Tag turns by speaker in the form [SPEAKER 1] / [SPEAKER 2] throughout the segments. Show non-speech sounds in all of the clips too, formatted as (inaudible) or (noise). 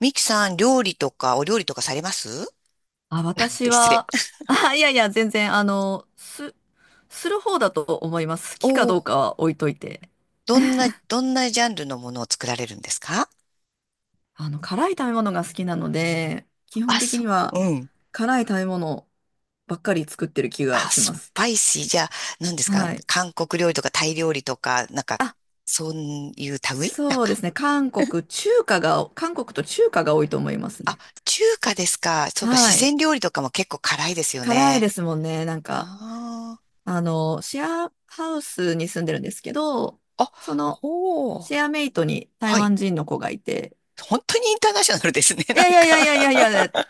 [SPEAKER 1] ミキさん、料理とか、お料理とかされます
[SPEAKER 2] あ、
[SPEAKER 1] って
[SPEAKER 2] 私
[SPEAKER 1] 失礼。
[SPEAKER 2] は、あ、いやいや、全然、する方だと思います。好
[SPEAKER 1] お
[SPEAKER 2] きかどう
[SPEAKER 1] お、
[SPEAKER 2] かは置いといて。
[SPEAKER 1] どんなジャンルのものを作られるんですか？
[SPEAKER 2] 辛い食べ物が好きなので、基本
[SPEAKER 1] あ、
[SPEAKER 2] 的
[SPEAKER 1] そ
[SPEAKER 2] に
[SPEAKER 1] う、
[SPEAKER 2] は
[SPEAKER 1] うん。
[SPEAKER 2] 辛い食べ物ばっかり作ってる気
[SPEAKER 1] あ、
[SPEAKER 2] がしま
[SPEAKER 1] ス
[SPEAKER 2] す。
[SPEAKER 1] パイシー。じゃあ、何ですか？
[SPEAKER 2] はい。
[SPEAKER 1] 韓国料理とかタイ料理とか、なんか、
[SPEAKER 2] あ、
[SPEAKER 1] そういう類なん
[SPEAKER 2] そうで
[SPEAKER 1] か？
[SPEAKER 2] すね。韓国と中華が多いと思います
[SPEAKER 1] あ、
[SPEAKER 2] ね。
[SPEAKER 1] 中華ですか？そういえば、四
[SPEAKER 2] はい。
[SPEAKER 1] 川料理とかも結構辛いですよ
[SPEAKER 2] 辛い
[SPEAKER 1] ね。
[SPEAKER 2] ですもんね。なんか、
[SPEAKER 1] あ
[SPEAKER 2] シェアハウスに住んでるんですけど、
[SPEAKER 1] あ。あ、
[SPEAKER 2] その、
[SPEAKER 1] ほ
[SPEAKER 2] シ
[SPEAKER 1] う。
[SPEAKER 2] ェアメイトに台
[SPEAKER 1] はい。
[SPEAKER 2] 湾人の子がいて、
[SPEAKER 1] 本当にインターナショナルですね、
[SPEAKER 2] い
[SPEAKER 1] なん
[SPEAKER 2] やいやいやい
[SPEAKER 1] か。
[SPEAKER 2] やいやいや、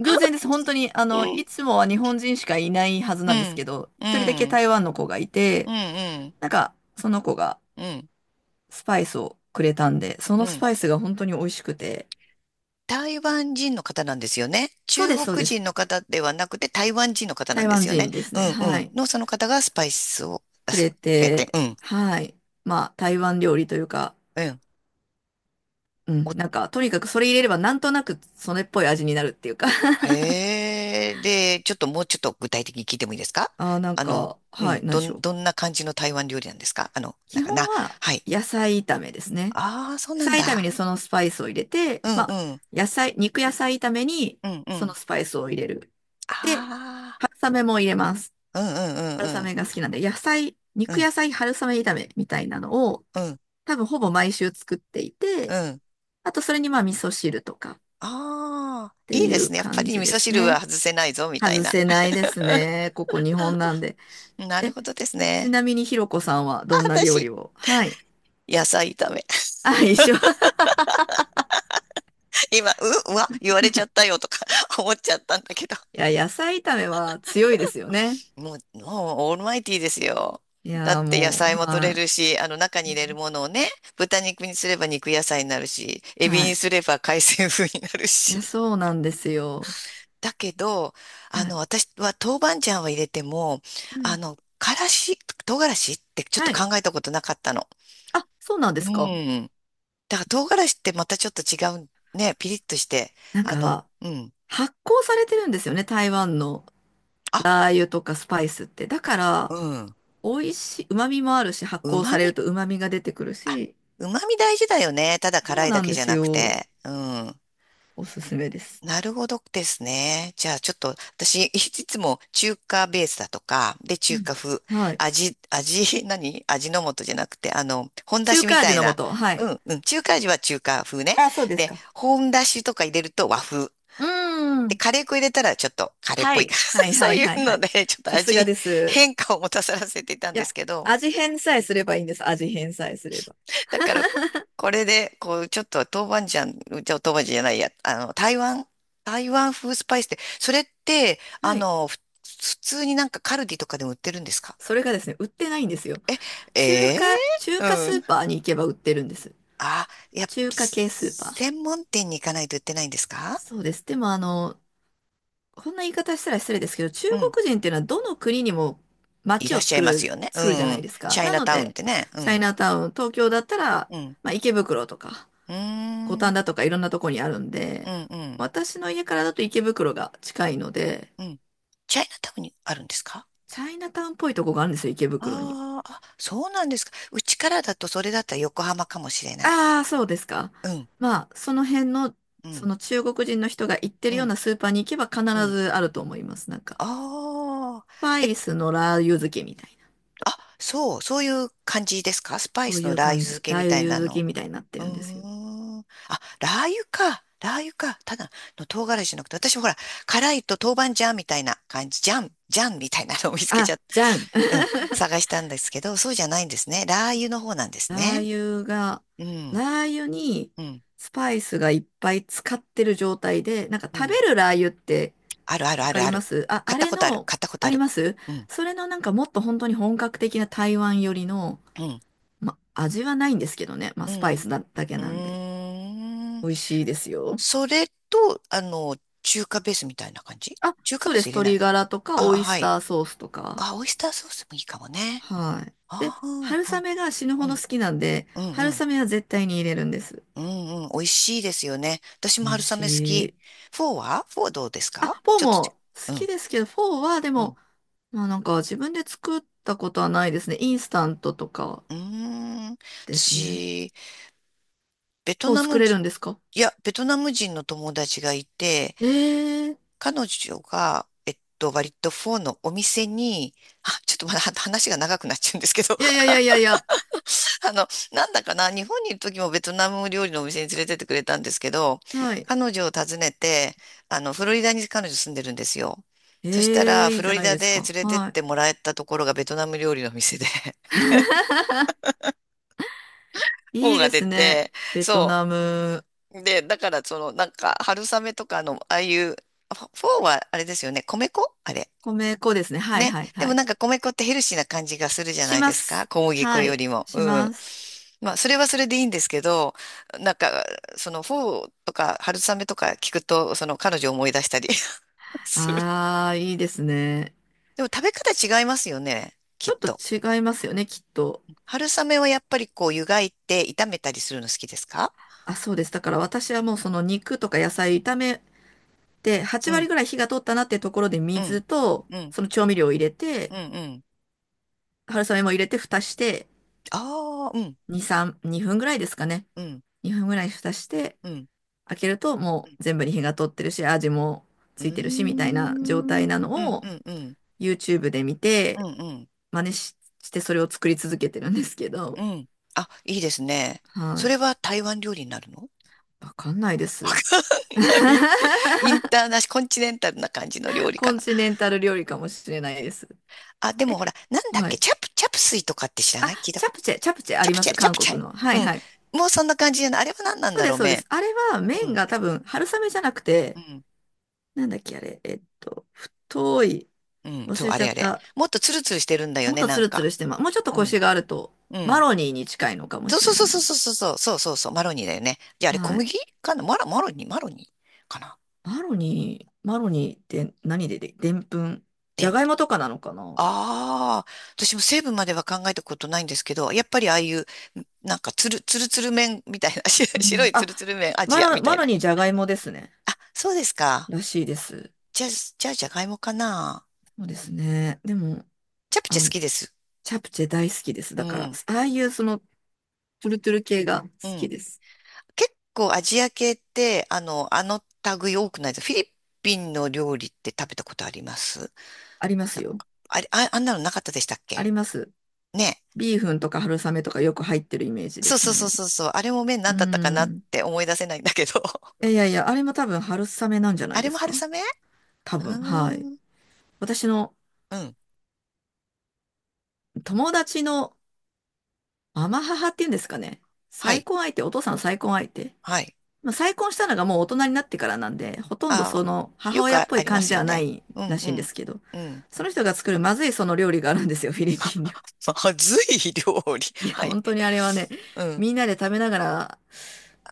[SPEAKER 2] 偶然です。本当に、
[SPEAKER 1] うん。
[SPEAKER 2] いつもは日本人しかいないはず
[SPEAKER 1] う
[SPEAKER 2] なんです
[SPEAKER 1] ん。
[SPEAKER 2] けど、
[SPEAKER 1] う
[SPEAKER 2] 一人だけ
[SPEAKER 1] ん。
[SPEAKER 2] 台湾の子がい
[SPEAKER 1] う
[SPEAKER 2] て、
[SPEAKER 1] ん。うん。
[SPEAKER 2] なんか、その子が
[SPEAKER 1] うん。
[SPEAKER 2] スパイスをくれたんで、そ
[SPEAKER 1] う
[SPEAKER 2] のス
[SPEAKER 1] ん。
[SPEAKER 2] パイスが本当に美味しくて、
[SPEAKER 1] 台湾人の方なんですよね。
[SPEAKER 2] そう
[SPEAKER 1] 中
[SPEAKER 2] です、そう
[SPEAKER 1] 国
[SPEAKER 2] です。
[SPEAKER 1] 人の方ではなくて台湾人の方なん
[SPEAKER 2] 台
[SPEAKER 1] で
[SPEAKER 2] 湾
[SPEAKER 1] すよね。
[SPEAKER 2] 人です
[SPEAKER 1] う
[SPEAKER 2] ね。
[SPEAKER 1] んう
[SPEAKER 2] は
[SPEAKER 1] ん。
[SPEAKER 2] い。
[SPEAKER 1] のその方がスパイスをあ
[SPEAKER 2] く
[SPEAKER 1] す
[SPEAKER 2] れ
[SPEAKER 1] くれて、
[SPEAKER 2] て、
[SPEAKER 1] うん、
[SPEAKER 2] はい。まあ、台湾料理というか、
[SPEAKER 1] うん。
[SPEAKER 2] う
[SPEAKER 1] お、
[SPEAKER 2] ん、なんか、とにかくそれ入れればなんとなくそれっぽい味になるっていうか。
[SPEAKER 1] へえ、で、ちょっともうちょっと具体的に聞いてもいいですか？
[SPEAKER 2] (laughs) あー、なん
[SPEAKER 1] あの、
[SPEAKER 2] か、
[SPEAKER 1] う
[SPEAKER 2] は
[SPEAKER 1] ん、
[SPEAKER 2] い、なん
[SPEAKER 1] ど
[SPEAKER 2] でし
[SPEAKER 1] ん、
[SPEAKER 2] ょう。
[SPEAKER 1] どんな感じの台湾料理なんですか？あの、なん
[SPEAKER 2] 基
[SPEAKER 1] か
[SPEAKER 2] 本
[SPEAKER 1] な、
[SPEAKER 2] は
[SPEAKER 1] はい。
[SPEAKER 2] 野菜炒めですね。
[SPEAKER 1] ああ、そう
[SPEAKER 2] 野
[SPEAKER 1] なん
[SPEAKER 2] 菜炒め
[SPEAKER 1] だ。
[SPEAKER 2] にそのスパイスを入れて、
[SPEAKER 1] うん
[SPEAKER 2] まあ、
[SPEAKER 1] うん、
[SPEAKER 2] 肉野菜炒めに
[SPEAKER 1] うんう
[SPEAKER 2] その
[SPEAKER 1] ん。
[SPEAKER 2] スパイスを入れる。で、
[SPEAKER 1] あ
[SPEAKER 2] 春雨も入れます。
[SPEAKER 1] あ、うんうん
[SPEAKER 2] 春
[SPEAKER 1] うんうん、
[SPEAKER 2] 雨が好きなんで、
[SPEAKER 1] う
[SPEAKER 2] 肉
[SPEAKER 1] ん
[SPEAKER 2] 野菜春雨炒めみたいなのを、
[SPEAKER 1] うん
[SPEAKER 2] 多分ほぼ毎週作ってい
[SPEAKER 1] う
[SPEAKER 2] て、
[SPEAKER 1] ん。
[SPEAKER 2] あとそれにまあ味噌汁とかっ
[SPEAKER 1] ああ、
[SPEAKER 2] て
[SPEAKER 1] いい
[SPEAKER 2] い
[SPEAKER 1] です
[SPEAKER 2] う
[SPEAKER 1] ね。やっぱ
[SPEAKER 2] 感
[SPEAKER 1] り
[SPEAKER 2] じ
[SPEAKER 1] 味
[SPEAKER 2] で
[SPEAKER 1] 噌
[SPEAKER 2] す
[SPEAKER 1] 汁は
[SPEAKER 2] ね。
[SPEAKER 1] 外せないぞ、みたい
[SPEAKER 2] 外
[SPEAKER 1] な。
[SPEAKER 2] せないですね。ここ日本なんで。
[SPEAKER 1] なる
[SPEAKER 2] え、
[SPEAKER 1] ほどです
[SPEAKER 2] ち
[SPEAKER 1] ね。
[SPEAKER 2] なみにひろこさんは
[SPEAKER 1] あ、
[SPEAKER 2] どんな料理
[SPEAKER 1] 私、
[SPEAKER 2] を？はい。
[SPEAKER 1] 野菜炒め。(laughs)
[SPEAKER 2] あ、一緒。(laughs)
[SPEAKER 1] 今、うわ、言われちゃったよとか (laughs) 思っちゃったんだけど。
[SPEAKER 2] いや、野菜炒めは強いですよね。
[SPEAKER 1] もうオールマイティーですよ。
[SPEAKER 2] い
[SPEAKER 1] だ
[SPEAKER 2] やー、
[SPEAKER 1] って野
[SPEAKER 2] もう、
[SPEAKER 1] 菜も取
[SPEAKER 2] は
[SPEAKER 1] れるし、あの中に入れる
[SPEAKER 2] い。
[SPEAKER 1] ものをね、豚肉にすれば肉野菜になるし、エビ
[SPEAKER 2] は
[SPEAKER 1] に
[SPEAKER 2] い。
[SPEAKER 1] すれば海鮮風になる
[SPEAKER 2] い
[SPEAKER 1] し。
[SPEAKER 2] や、そうなんですよ。
[SPEAKER 1] だけど、あ
[SPEAKER 2] は
[SPEAKER 1] の、
[SPEAKER 2] い。
[SPEAKER 1] 私は豆板醤は入れても、
[SPEAKER 2] う
[SPEAKER 1] あ
[SPEAKER 2] ん。
[SPEAKER 1] の、からし、唐辛子ってちょっと
[SPEAKER 2] はい。
[SPEAKER 1] 考えたことなかったの。
[SPEAKER 2] あ、そうなんで
[SPEAKER 1] う
[SPEAKER 2] すか。
[SPEAKER 1] ん。だから唐辛子ってまたちょっと違うね。ピリッとして。
[SPEAKER 2] なん
[SPEAKER 1] あの、
[SPEAKER 2] か、
[SPEAKER 1] うん。
[SPEAKER 2] 発酵されてるんですよね、台湾の
[SPEAKER 1] あ、
[SPEAKER 2] ラー油とかスパイスって。だから、
[SPEAKER 1] うん。
[SPEAKER 2] 美味しい、旨味もあるし、発
[SPEAKER 1] う
[SPEAKER 2] 酵さ
[SPEAKER 1] ま
[SPEAKER 2] れ
[SPEAKER 1] み、
[SPEAKER 2] ると旨味が出てくるし、
[SPEAKER 1] うまみ大事だよね。ただ
[SPEAKER 2] そ
[SPEAKER 1] 辛
[SPEAKER 2] う
[SPEAKER 1] い
[SPEAKER 2] な
[SPEAKER 1] だ
[SPEAKER 2] ん
[SPEAKER 1] け
[SPEAKER 2] で
[SPEAKER 1] じゃ
[SPEAKER 2] す
[SPEAKER 1] なく
[SPEAKER 2] よ。
[SPEAKER 1] て。うん。
[SPEAKER 2] おすすめです。
[SPEAKER 1] なるほどですね。じゃあちょっと私、い (laughs) つも中華ベースだとか、で、
[SPEAKER 2] う
[SPEAKER 1] 中華
[SPEAKER 2] ん。
[SPEAKER 1] 風、
[SPEAKER 2] はい。
[SPEAKER 1] (laughs) 何味の素じゃなくて、あの、本だ
[SPEAKER 2] 中
[SPEAKER 1] しみ
[SPEAKER 2] 華
[SPEAKER 1] た
[SPEAKER 2] 味
[SPEAKER 1] い
[SPEAKER 2] の
[SPEAKER 1] な。
[SPEAKER 2] 素。は
[SPEAKER 1] う
[SPEAKER 2] い。
[SPEAKER 1] ん、うん。中華味は中華風ね。
[SPEAKER 2] あ、そうです
[SPEAKER 1] で、
[SPEAKER 2] か。
[SPEAKER 1] 本だしとか入れると和風。
[SPEAKER 2] うー
[SPEAKER 1] で、
[SPEAKER 2] ん。
[SPEAKER 1] カレー粉入れたらちょっとカレーっ
[SPEAKER 2] は
[SPEAKER 1] ぽいか。(laughs)
[SPEAKER 2] い。はい
[SPEAKER 1] そ
[SPEAKER 2] は
[SPEAKER 1] う
[SPEAKER 2] い
[SPEAKER 1] いう
[SPEAKER 2] はいは
[SPEAKER 1] の
[SPEAKER 2] い。
[SPEAKER 1] で、ちょっと
[SPEAKER 2] さす
[SPEAKER 1] 味
[SPEAKER 2] が
[SPEAKER 1] に
[SPEAKER 2] です。
[SPEAKER 1] 変化を持たさらせていたん
[SPEAKER 2] い
[SPEAKER 1] で
[SPEAKER 2] や、
[SPEAKER 1] すけど、
[SPEAKER 2] 味変さえすればいいんです。味変さえすれば。
[SPEAKER 1] だからこれで、こう、ちょっと豆板醤、じゃあ豆板醤じゃないや、あの、台湾風スパイスって、それって、あ
[SPEAKER 2] はい。
[SPEAKER 1] の、普通になんかカルディとかでも売ってるんですか？
[SPEAKER 2] それがですね、売ってないんですよ。中
[SPEAKER 1] ええ、
[SPEAKER 2] 華、中
[SPEAKER 1] う
[SPEAKER 2] 華スー
[SPEAKER 1] ん。
[SPEAKER 2] パーに行けば売ってるんです。
[SPEAKER 1] あ、いや
[SPEAKER 2] 中華系スーパー。
[SPEAKER 1] 専門店に行かないと売ってないんですか？
[SPEAKER 2] そうです。でもこんな言い方したら失礼ですけど、中
[SPEAKER 1] うん。
[SPEAKER 2] 国人っていうのはどの国にも
[SPEAKER 1] い
[SPEAKER 2] 街
[SPEAKER 1] らっ
[SPEAKER 2] を
[SPEAKER 1] しゃ
[SPEAKER 2] 作
[SPEAKER 1] います
[SPEAKER 2] る、
[SPEAKER 1] よね。う
[SPEAKER 2] 作るじゃない
[SPEAKER 1] ん。
[SPEAKER 2] ですか。
[SPEAKER 1] チャイ
[SPEAKER 2] な
[SPEAKER 1] ナ
[SPEAKER 2] の
[SPEAKER 1] タウンっ
[SPEAKER 2] で、
[SPEAKER 1] てね。う
[SPEAKER 2] チャイ
[SPEAKER 1] ん。
[SPEAKER 2] ナタウン、東京だったら、
[SPEAKER 1] うん。
[SPEAKER 2] まあ池袋とか、
[SPEAKER 1] うー
[SPEAKER 2] 五反
[SPEAKER 1] ん。
[SPEAKER 2] 田とかいろんなとこにあるん
[SPEAKER 1] う
[SPEAKER 2] で、
[SPEAKER 1] んうん。
[SPEAKER 2] 私の家からだと池袋が近いので、
[SPEAKER 1] うん。チャイナタウンにあるんですか？
[SPEAKER 2] チャイナタウンっぽいとこがあるんですよ、池袋に。
[SPEAKER 1] あーあ、そうなんですか。うちからだとそれだったら横浜かもしれない。
[SPEAKER 2] ああ、そうですか。
[SPEAKER 1] うん、
[SPEAKER 2] まあ、その辺の、
[SPEAKER 1] う
[SPEAKER 2] そ
[SPEAKER 1] ん、
[SPEAKER 2] の中国人の人が行って
[SPEAKER 1] う
[SPEAKER 2] るよう
[SPEAKER 1] ん、
[SPEAKER 2] なスーパーに行けば必
[SPEAKER 1] うん。
[SPEAKER 2] ずあると思います。なんか、
[SPEAKER 1] ああ、
[SPEAKER 2] スパ
[SPEAKER 1] え、
[SPEAKER 2] イスのラー油漬けみたいな。
[SPEAKER 1] あ、そう、そういう感じですか？スパイ
[SPEAKER 2] そう
[SPEAKER 1] ス
[SPEAKER 2] い
[SPEAKER 1] の
[SPEAKER 2] う
[SPEAKER 1] ラー油
[SPEAKER 2] 感
[SPEAKER 1] 漬
[SPEAKER 2] じ。
[SPEAKER 1] け
[SPEAKER 2] ラー
[SPEAKER 1] みた
[SPEAKER 2] 油
[SPEAKER 1] いな
[SPEAKER 2] 漬け
[SPEAKER 1] の。
[SPEAKER 2] みたいになって
[SPEAKER 1] うー
[SPEAKER 2] るんですよ。
[SPEAKER 1] ん。あ、ラー油か。ラー油か。ただの唐辛子じゃなくて、私ほら、辛いと豆板醤みたいな感じ、ジャンみたいなのを見つけちゃ
[SPEAKER 2] あ、
[SPEAKER 1] っ
[SPEAKER 2] じゃん。
[SPEAKER 1] た。うん、
[SPEAKER 2] (laughs)
[SPEAKER 1] 探したんですけど、そうじゃないんですね。ラー油の方なんです
[SPEAKER 2] ラ
[SPEAKER 1] ね。
[SPEAKER 2] ー油が、
[SPEAKER 1] うん、
[SPEAKER 2] ラー油に
[SPEAKER 1] うん。
[SPEAKER 2] スパイスがいっぱい使ってる状態で、なんか
[SPEAKER 1] う
[SPEAKER 2] 食べ
[SPEAKER 1] ん。
[SPEAKER 2] るラー油って
[SPEAKER 1] あるある
[SPEAKER 2] わ
[SPEAKER 1] あ
[SPEAKER 2] か
[SPEAKER 1] るあ
[SPEAKER 2] りま
[SPEAKER 1] る。
[SPEAKER 2] す？あ、
[SPEAKER 1] 買
[SPEAKER 2] あ
[SPEAKER 1] った
[SPEAKER 2] れ
[SPEAKER 1] ことある。
[SPEAKER 2] の、
[SPEAKER 1] 買ったこと
[SPEAKER 2] あ
[SPEAKER 1] あ
[SPEAKER 2] り
[SPEAKER 1] る。
[SPEAKER 2] ます。
[SPEAKER 1] うん。
[SPEAKER 2] それのなんかもっと本当に本格的な台湾寄りの、
[SPEAKER 1] うん。
[SPEAKER 2] 味はないんですけどね。まあ、
[SPEAKER 1] う
[SPEAKER 2] スパイス
[SPEAKER 1] ん。
[SPEAKER 2] だ、だけ
[SPEAKER 1] う
[SPEAKER 2] なんで。
[SPEAKER 1] ーん。
[SPEAKER 2] 美味しいですよ。
[SPEAKER 1] それと、あの、中華ベースみたいな感じ？
[SPEAKER 2] あ、
[SPEAKER 1] 中華
[SPEAKER 2] そう
[SPEAKER 1] ベー
[SPEAKER 2] で
[SPEAKER 1] ス
[SPEAKER 2] す。
[SPEAKER 1] 入れな
[SPEAKER 2] 鶏
[SPEAKER 1] い？
[SPEAKER 2] ガラとか、
[SPEAKER 1] あ、
[SPEAKER 2] オイス
[SPEAKER 1] はい。
[SPEAKER 2] ターソースとか。
[SPEAKER 1] あ、オイスターソースもいいかもね。
[SPEAKER 2] はい。で、
[SPEAKER 1] ああ、うん、
[SPEAKER 2] 春雨
[SPEAKER 1] う
[SPEAKER 2] が死ぬほど
[SPEAKER 1] ん、
[SPEAKER 2] 好きなんで、
[SPEAKER 1] うん、う
[SPEAKER 2] 春
[SPEAKER 1] ん、
[SPEAKER 2] 雨は絶対に入れるんです。
[SPEAKER 1] うん、うん。美味しいですよね。私も
[SPEAKER 2] 美味
[SPEAKER 1] 春雨好
[SPEAKER 2] し
[SPEAKER 1] き。
[SPEAKER 2] い。
[SPEAKER 1] フォーはフォーどうです
[SPEAKER 2] あ、
[SPEAKER 1] か？
[SPEAKER 2] フォー
[SPEAKER 1] ちょっとち、
[SPEAKER 2] も好
[SPEAKER 1] う
[SPEAKER 2] き
[SPEAKER 1] ん、
[SPEAKER 2] ですけど、フォーはで
[SPEAKER 1] うん。
[SPEAKER 2] も、まあなんか自分で作ったことはないですね。インスタントとか
[SPEAKER 1] うーん。
[SPEAKER 2] ですね。
[SPEAKER 1] 私、ベト
[SPEAKER 2] フォー
[SPEAKER 1] ナ
[SPEAKER 2] 作
[SPEAKER 1] ム
[SPEAKER 2] れ
[SPEAKER 1] 人、
[SPEAKER 2] るんですか？
[SPEAKER 1] ベトナム人の友達がいて、
[SPEAKER 2] ええー。
[SPEAKER 1] 彼女が、割とフォーのお店に、あ、ちょっとまだは話が長くなっちゃうんですけど、
[SPEAKER 2] いやいやい
[SPEAKER 1] (laughs)
[SPEAKER 2] やいやいや。
[SPEAKER 1] あの、なんだかな、日本にいる時もベトナム料理のお店に連れてってくれたんですけど、
[SPEAKER 2] はい。
[SPEAKER 1] 彼女を訪ねて、あの、フロリダに彼女住んでるんですよ。そした
[SPEAKER 2] ええ
[SPEAKER 1] ら、
[SPEAKER 2] ー、い
[SPEAKER 1] フ
[SPEAKER 2] いじ
[SPEAKER 1] ロ
[SPEAKER 2] ゃ
[SPEAKER 1] リ
[SPEAKER 2] ない
[SPEAKER 1] ダ
[SPEAKER 2] です
[SPEAKER 1] で
[SPEAKER 2] か。
[SPEAKER 1] 連れてっ
[SPEAKER 2] はい。
[SPEAKER 1] てもらえたところがベトナム料理の店で、(laughs) フォー
[SPEAKER 2] いい
[SPEAKER 1] が
[SPEAKER 2] で
[SPEAKER 1] 出
[SPEAKER 2] すね。
[SPEAKER 1] て、
[SPEAKER 2] ベト
[SPEAKER 1] そ
[SPEAKER 2] ナム、
[SPEAKER 1] う。で、だから、その、なんか、春雨とかの、ああいう、フォーはあれですよね、米粉あれ。
[SPEAKER 2] 米粉ですね。はい
[SPEAKER 1] ね。
[SPEAKER 2] はい
[SPEAKER 1] で
[SPEAKER 2] は
[SPEAKER 1] も
[SPEAKER 2] い。
[SPEAKER 1] なんか米粉ってヘルシーな感じがするじゃな
[SPEAKER 2] し
[SPEAKER 1] い
[SPEAKER 2] ま
[SPEAKER 1] ですか。
[SPEAKER 2] す。
[SPEAKER 1] 小麦粉
[SPEAKER 2] は
[SPEAKER 1] よ
[SPEAKER 2] い。
[SPEAKER 1] りも。
[SPEAKER 2] し
[SPEAKER 1] うん。
[SPEAKER 2] ます。
[SPEAKER 1] まあ、それはそれでいいんですけど、なんか、その、フォーとか春雨とか聞くと、その彼女を思い出したり (laughs) する。
[SPEAKER 2] ああ、いいですね。
[SPEAKER 1] でも食べ方違いますよね。き
[SPEAKER 2] ち
[SPEAKER 1] っ
[SPEAKER 2] ょっと
[SPEAKER 1] と。
[SPEAKER 2] 違いますよね、きっと。
[SPEAKER 1] 春雨はやっぱりこう湯がいて炒めたりするの好きですか？
[SPEAKER 2] あ、そうです。だから私はもうその肉とか野菜炒めて、8
[SPEAKER 1] うん、
[SPEAKER 2] 割ぐらい火が通ったなってところで
[SPEAKER 1] うん、
[SPEAKER 2] 水と、
[SPEAKER 1] うん、
[SPEAKER 2] その調味料を入れ
[SPEAKER 1] う
[SPEAKER 2] て、
[SPEAKER 1] ん、うん。
[SPEAKER 2] 春雨も入れて蓋して、
[SPEAKER 1] ああ、うん、
[SPEAKER 2] 2、3、2分ぐらいですかね。
[SPEAKER 1] うん、
[SPEAKER 2] 2分ぐらい蓋して、
[SPEAKER 1] うん。
[SPEAKER 2] 開けると
[SPEAKER 1] う
[SPEAKER 2] も
[SPEAKER 1] ん、
[SPEAKER 2] う全部に火が通ってるし、味も
[SPEAKER 1] うー
[SPEAKER 2] ついてるし、みたいな状態な
[SPEAKER 1] ん、う
[SPEAKER 2] の
[SPEAKER 1] ん、う
[SPEAKER 2] を、
[SPEAKER 1] ん、うん。
[SPEAKER 2] YouTube で見
[SPEAKER 1] うんうんうんうんああうんうんうんうんうんうんうんうん
[SPEAKER 2] て、
[SPEAKER 1] うんうん
[SPEAKER 2] 真似し、してそれを作り続けてるんですけど、
[SPEAKER 1] うん。あ、いいですね。
[SPEAKER 2] は
[SPEAKER 1] そ
[SPEAKER 2] い。
[SPEAKER 1] れは台湾料理になるの？
[SPEAKER 2] わかんないです。(laughs)
[SPEAKER 1] (laughs) ないって。インターナショ、コンチネンタルな感じの料理
[SPEAKER 2] コ
[SPEAKER 1] か
[SPEAKER 2] ン
[SPEAKER 1] な。
[SPEAKER 2] チネンタル料理かもしれないです。
[SPEAKER 1] あ、でもほら、なんだっ
[SPEAKER 2] は
[SPEAKER 1] け、
[SPEAKER 2] い。
[SPEAKER 1] チャプスイとかって知らな
[SPEAKER 2] あ、
[SPEAKER 1] い？聞いた
[SPEAKER 2] チ
[SPEAKER 1] こ
[SPEAKER 2] ャ
[SPEAKER 1] と。
[SPEAKER 2] プチェ、チャプチェあ
[SPEAKER 1] チャ
[SPEAKER 2] り
[SPEAKER 1] プ
[SPEAKER 2] ま
[SPEAKER 1] チ
[SPEAKER 2] す、
[SPEAKER 1] ャ、チャ
[SPEAKER 2] 韓
[SPEAKER 1] プチ
[SPEAKER 2] 国
[SPEAKER 1] ャ。
[SPEAKER 2] の。は
[SPEAKER 1] う
[SPEAKER 2] い
[SPEAKER 1] ん。
[SPEAKER 2] はい。
[SPEAKER 1] もうそんな感じじゃない？あれは何なん
[SPEAKER 2] そう
[SPEAKER 1] だ
[SPEAKER 2] で
[SPEAKER 1] ろ
[SPEAKER 2] す、
[SPEAKER 1] う、
[SPEAKER 2] そうです。
[SPEAKER 1] 麺。
[SPEAKER 2] あれは
[SPEAKER 1] う
[SPEAKER 2] 麺
[SPEAKER 1] ん。
[SPEAKER 2] が多分春雨じゃなく
[SPEAKER 1] う
[SPEAKER 2] て、
[SPEAKER 1] ん。
[SPEAKER 2] なんだっけあれ、太い、
[SPEAKER 1] うん。
[SPEAKER 2] 忘
[SPEAKER 1] そう、
[SPEAKER 2] れ
[SPEAKER 1] あ
[SPEAKER 2] ちゃ
[SPEAKER 1] れ
[SPEAKER 2] っ
[SPEAKER 1] あれ。
[SPEAKER 2] た。
[SPEAKER 1] もっとツルツルしてるんだよ
[SPEAKER 2] もっ
[SPEAKER 1] ね、
[SPEAKER 2] と
[SPEAKER 1] な
[SPEAKER 2] ツ
[SPEAKER 1] ん
[SPEAKER 2] ルツ
[SPEAKER 1] か。
[SPEAKER 2] ルしてます。もうちょっと
[SPEAKER 1] う
[SPEAKER 2] コ
[SPEAKER 1] ん。
[SPEAKER 2] シがあると、
[SPEAKER 1] う
[SPEAKER 2] マ
[SPEAKER 1] ん。
[SPEAKER 2] ロニーに近いのかも
[SPEAKER 1] そう
[SPEAKER 2] し
[SPEAKER 1] そ
[SPEAKER 2] れ
[SPEAKER 1] うそう
[SPEAKER 2] な
[SPEAKER 1] そ
[SPEAKER 2] い。
[SPEAKER 1] うそうそうそうそうそう、マロニーだよね。じゃああれ小
[SPEAKER 2] はい。
[SPEAKER 1] 麦かな、マロニーかな。
[SPEAKER 2] マロニーって何でで、でんぷん。じ
[SPEAKER 1] で、
[SPEAKER 2] ゃがいもとかなのかな？
[SPEAKER 1] ああ、私も成分までは考えたことないんですけど、やっぱりああいう、なんかつるつる麺みたいな、(laughs) 白
[SPEAKER 2] う
[SPEAKER 1] 白
[SPEAKER 2] ん。
[SPEAKER 1] いつ
[SPEAKER 2] あ、
[SPEAKER 1] るつる麺、アジアみた
[SPEAKER 2] マ
[SPEAKER 1] い
[SPEAKER 2] ロ
[SPEAKER 1] な。
[SPEAKER 2] ニーじゃがいもですね。
[SPEAKER 1] あ、そうですか。
[SPEAKER 2] らしいです。
[SPEAKER 1] じゃあ、じゃがいもかな。
[SPEAKER 2] そうですね。でも、
[SPEAKER 1] チャプチェ
[SPEAKER 2] あ、
[SPEAKER 1] 好きです。
[SPEAKER 2] チャプチェ大好きです。
[SPEAKER 1] う
[SPEAKER 2] だから、
[SPEAKER 1] ん、
[SPEAKER 2] ああいうトゥルトゥル系が好
[SPEAKER 1] う
[SPEAKER 2] き
[SPEAKER 1] ん。
[SPEAKER 2] です。
[SPEAKER 1] 結構アジア系って、あの類多くないです？フィリピンの料理って食べたことあります？
[SPEAKER 2] ありま
[SPEAKER 1] な
[SPEAKER 2] す
[SPEAKER 1] ん
[SPEAKER 2] よ。
[SPEAKER 1] か、あれ、あ、あんなのなかったでしたっ
[SPEAKER 2] あ
[SPEAKER 1] け。
[SPEAKER 2] ります。
[SPEAKER 1] ね。
[SPEAKER 2] ビーフンとか春雨とかよく入ってるイメージで
[SPEAKER 1] そう
[SPEAKER 2] す
[SPEAKER 1] そうそう
[SPEAKER 2] ね。
[SPEAKER 1] そうそう。あれも麺な
[SPEAKER 2] う
[SPEAKER 1] んだったかなっ
[SPEAKER 2] ん。
[SPEAKER 1] て思い出せないんだけど。(laughs)
[SPEAKER 2] いやいやいや、あれも多分春雨なんじゃな
[SPEAKER 1] あ
[SPEAKER 2] い
[SPEAKER 1] れ
[SPEAKER 2] で
[SPEAKER 1] も
[SPEAKER 2] す
[SPEAKER 1] 春
[SPEAKER 2] か？
[SPEAKER 1] 雨？
[SPEAKER 2] 多
[SPEAKER 1] う
[SPEAKER 2] 分、はい。
[SPEAKER 1] ーん。
[SPEAKER 2] 私の
[SPEAKER 1] うん。
[SPEAKER 2] 友達の母っていうんですかね。
[SPEAKER 1] は
[SPEAKER 2] 再
[SPEAKER 1] い。
[SPEAKER 2] 婚相手、お父さんの再婚相手。
[SPEAKER 1] はい。
[SPEAKER 2] まあ、再婚したのがもう大人になってからなんで、ほとんど
[SPEAKER 1] あ
[SPEAKER 2] そ
[SPEAKER 1] あ、
[SPEAKER 2] の母
[SPEAKER 1] よく
[SPEAKER 2] 親っぽ
[SPEAKER 1] あ
[SPEAKER 2] い
[SPEAKER 1] りま
[SPEAKER 2] 感じ
[SPEAKER 1] す
[SPEAKER 2] で
[SPEAKER 1] よ
[SPEAKER 2] はな
[SPEAKER 1] ね。
[SPEAKER 2] い
[SPEAKER 1] うん
[SPEAKER 2] ら
[SPEAKER 1] う
[SPEAKER 2] しいんで
[SPEAKER 1] ん。
[SPEAKER 2] すけど、
[SPEAKER 1] うん。
[SPEAKER 2] その人が作るまずいその料理があるんですよ、フィリピン料
[SPEAKER 1] (laughs) まずい料理。
[SPEAKER 2] 理。(laughs) い
[SPEAKER 1] (laughs)
[SPEAKER 2] や、
[SPEAKER 1] はい。
[SPEAKER 2] 本当にあれはね、
[SPEAKER 1] うん。
[SPEAKER 2] みんなで食べながら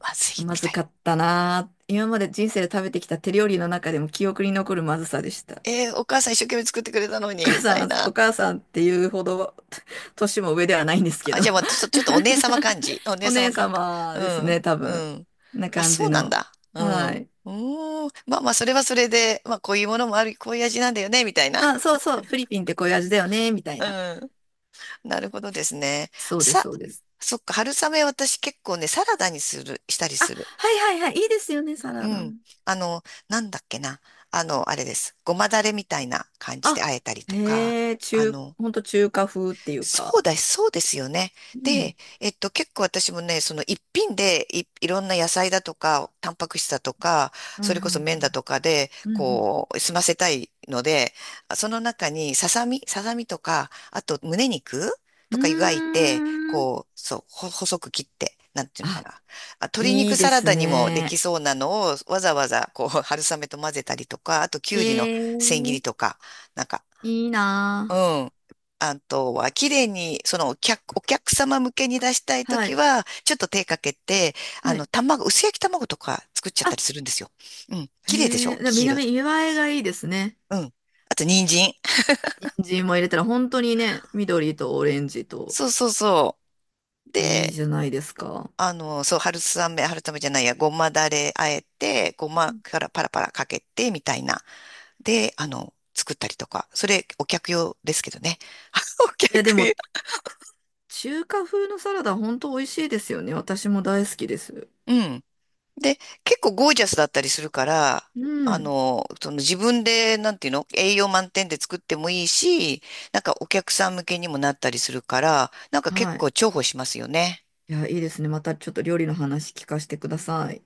[SPEAKER 1] まずい、
[SPEAKER 2] ま
[SPEAKER 1] みた
[SPEAKER 2] ず
[SPEAKER 1] いな。
[SPEAKER 2] かったなぁ。今まで人生で食べてきた手料理の中でも記憶に残るまずさでした。
[SPEAKER 1] えー、お母さん一生懸命作ってくれたの
[SPEAKER 2] お
[SPEAKER 1] に、
[SPEAKER 2] 母
[SPEAKER 1] みた
[SPEAKER 2] さ
[SPEAKER 1] い
[SPEAKER 2] ん、
[SPEAKER 1] な。
[SPEAKER 2] お母さんっていうほど、(laughs) 年も上ではないんですけ
[SPEAKER 1] あ、
[SPEAKER 2] ど。
[SPEAKER 1] じゃあ私ちょっと、お姉様感じ。お
[SPEAKER 2] (laughs)
[SPEAKER 1] 姉
[SPEAKER 2] お
[SPEAKER 1] 様
[SPEAKER 2] 姉
[SPEAKER 1] 感覚。
[SPEAKER 2] 様
[SPEAKER 1] う
[SPEAKER 2] です
[SPEAKER 1] ん。
[SPEAKER 2] ね、多
[SPEAKER 1] う
[SPEAKER 2] 分。
[SPEAKER 1] ん。
[SPEAKER 2] な
[SPEAKER 1] あ、
[SPEAKER 2] 感
[SPEAKER 1] そ
[SPEAKER 2] じ
[SPEAKER 1] うなん
[SPEAKER 2] の。
[SPEAKER 1] だ。う
[SPEAKER 2] は
[SPEAKER 1] ん。う
[SPEAKER 2] い。
[SPEAKER 1] ーん。まあまあ、それはそれで、まあ、こういうものもある、こういう味なんだよね、みたいな。
[SPEAKER 2] まあ、そうそう、フィリピンってこういう味だよね、みたい
[SPEAKER 1] う
[SPEAKER 2] な。
[SPEAKER 1] ん。なるほどですね。
[SPEAKER 2] そうです、
[SPEAKER 1] さ、
[SPEAKER 2] そうです。
[SPEAKER 1] そっか、春雨私結構ね、サラダにしたり
[SPEAKER 2] あ、
[SPEAKER 1] する。
[SPEAKER 2] はいはいはい、いいですよね、サ
[SPEAKER 1] う
[SPEAKER 2] ラダ
[SPEAKER 1] ん。
[SPEAKER 2] も。
[SPEAKER 1] あの、なんだっけな。あの、あれです。ごまだれみたいな感じで
[SPEAKER 2] あ、
[SPEAKER 1] 和えたりとか、
[SPEAKER 2] へえ、
[SPEAKER 1] あの、
[SPEAKER 2] ほんと中華風っていう
[SPEAKER 1] そう
[SPEAKER 2] か。
[SPEAKER 1] だ、そうですよね。
[SPEAKER 2] うん。
[SPEAKER 1] で、結構私もね、その一品でいろんな野菜だとか、タンパク質だとか、そ
[SPEAKER 2] はい
[SPEAKER 1] れこそ
[SPEAKER 2] はい
[SPEAKER 1] 麺
[SPEAKER 2] は
[SPEAKER 1] だ
[SPEAKER 2] い。
[SPEAKER 1] とかで、
[SPEAKER 2] うん
[SPEAKER 1] こう、済ませたいので、その中にささみとか、あと胸肉
[SPEAKER 2] う
[SPEAKER 1] とか湯がいて、
[SPEAKER 2] ん。うーん。
[SPEAKER 1] こう、そう、細く切って、なんていうのか
[SPEAKER 2] あ、
[SPEAKER 1] な。あ、鶏
[SPEAKER 2] い
[SPEAKER 1] 肉
[SPEAKER 2] いで
[SPEAKER 1] サラ
[SPEAKER 2] す
[SPEAKER 1] ダにもで
[SPEAKER 2] ね。
[SPEAKER 1] きそうなのを、わざわざ、こう、春雨と混ぜたりとか、あときゅうりの
[SPEAKER 2] ええ、
[SPEAKER 1] 千切りとか、なんか、
[SPEAKER 2] いい
[SPEAKER 1] う
[SPEAKER 2] な
[SPEAKER 1] ん。あとは、綺麗に、そのお客様向けに出したい
[SPEAKER 2] あ。
[SPEAKER 1] と
[SPEAKER 2] は
[SPEAKER 1] き
[SPEAKER 2] い。
[SPEAKER 1] は、ちょっと手かけて、あ
[SPEAKER 2] は
[SPEAKER 1] の、
[SPEAKER 2] い
[SPEAKER 1] 薄焼き卵とか作っちゃっ
[SPEAKER 2] あ、
[SPEAKER 1] たりするんですよ。うん。綺麗でし
[SPEAKER 2] へえ、
[SPEAKER 1] ょ、
[SPEAKER 2] でも見
[SPEAKER 1] 黄色
[SPEAKER 2] 見
[SPEAKER 1] で。
[SPEAKER 2] 栄えがいいですね。
[SPEAKER 1] うん。あと、人参。
[SPEAKER 2] 人参も入れたら本当にね、緑とオレンジと
[SPEAKER 1] そうそうそう。
[SPEAKER 2] いい
[SPEAKER 1] で、
[SPEAKER 2] じゃないですか。
[SPEAKER 1] あの、そう、春雨、春雨じゃないや、ごまだれあえて、ご
[SPEAKER 2] う
[SPEAKER 1] ま
[SPEAKER 2] ん
[SPEAKER 1] からパラパラかけて、みたいな。で、あの、作ったりとか。それ、お客用ですけどね。(laughs) お
[SPEAKER 2] いや、で
[SPEAKER 1] 客
[SPEAKER 2] も
[SPEAKER 1] 用。
[SPEAKER 2] 中華風のサラダ本当美味しいですよね。私も大好きです。
[SPEAKER 1] うん。で、結構ゴージャスだったりするから、
[SPEAKER 2] う
[SPEAKER 1] あ
[SPEAKER 2] ん。
[SPEAKER 1] の、その自分で、なんていうの、栄養満点で作ってもいいし、なんかお客さん向けにもなったりするから、なんか結
[SPEAKER 2] はい。
[SPEAKER 1] 構重宝しますよね。
[SPEAKER 2] いや、いいですね。またちょっと料理の話聞かせてください。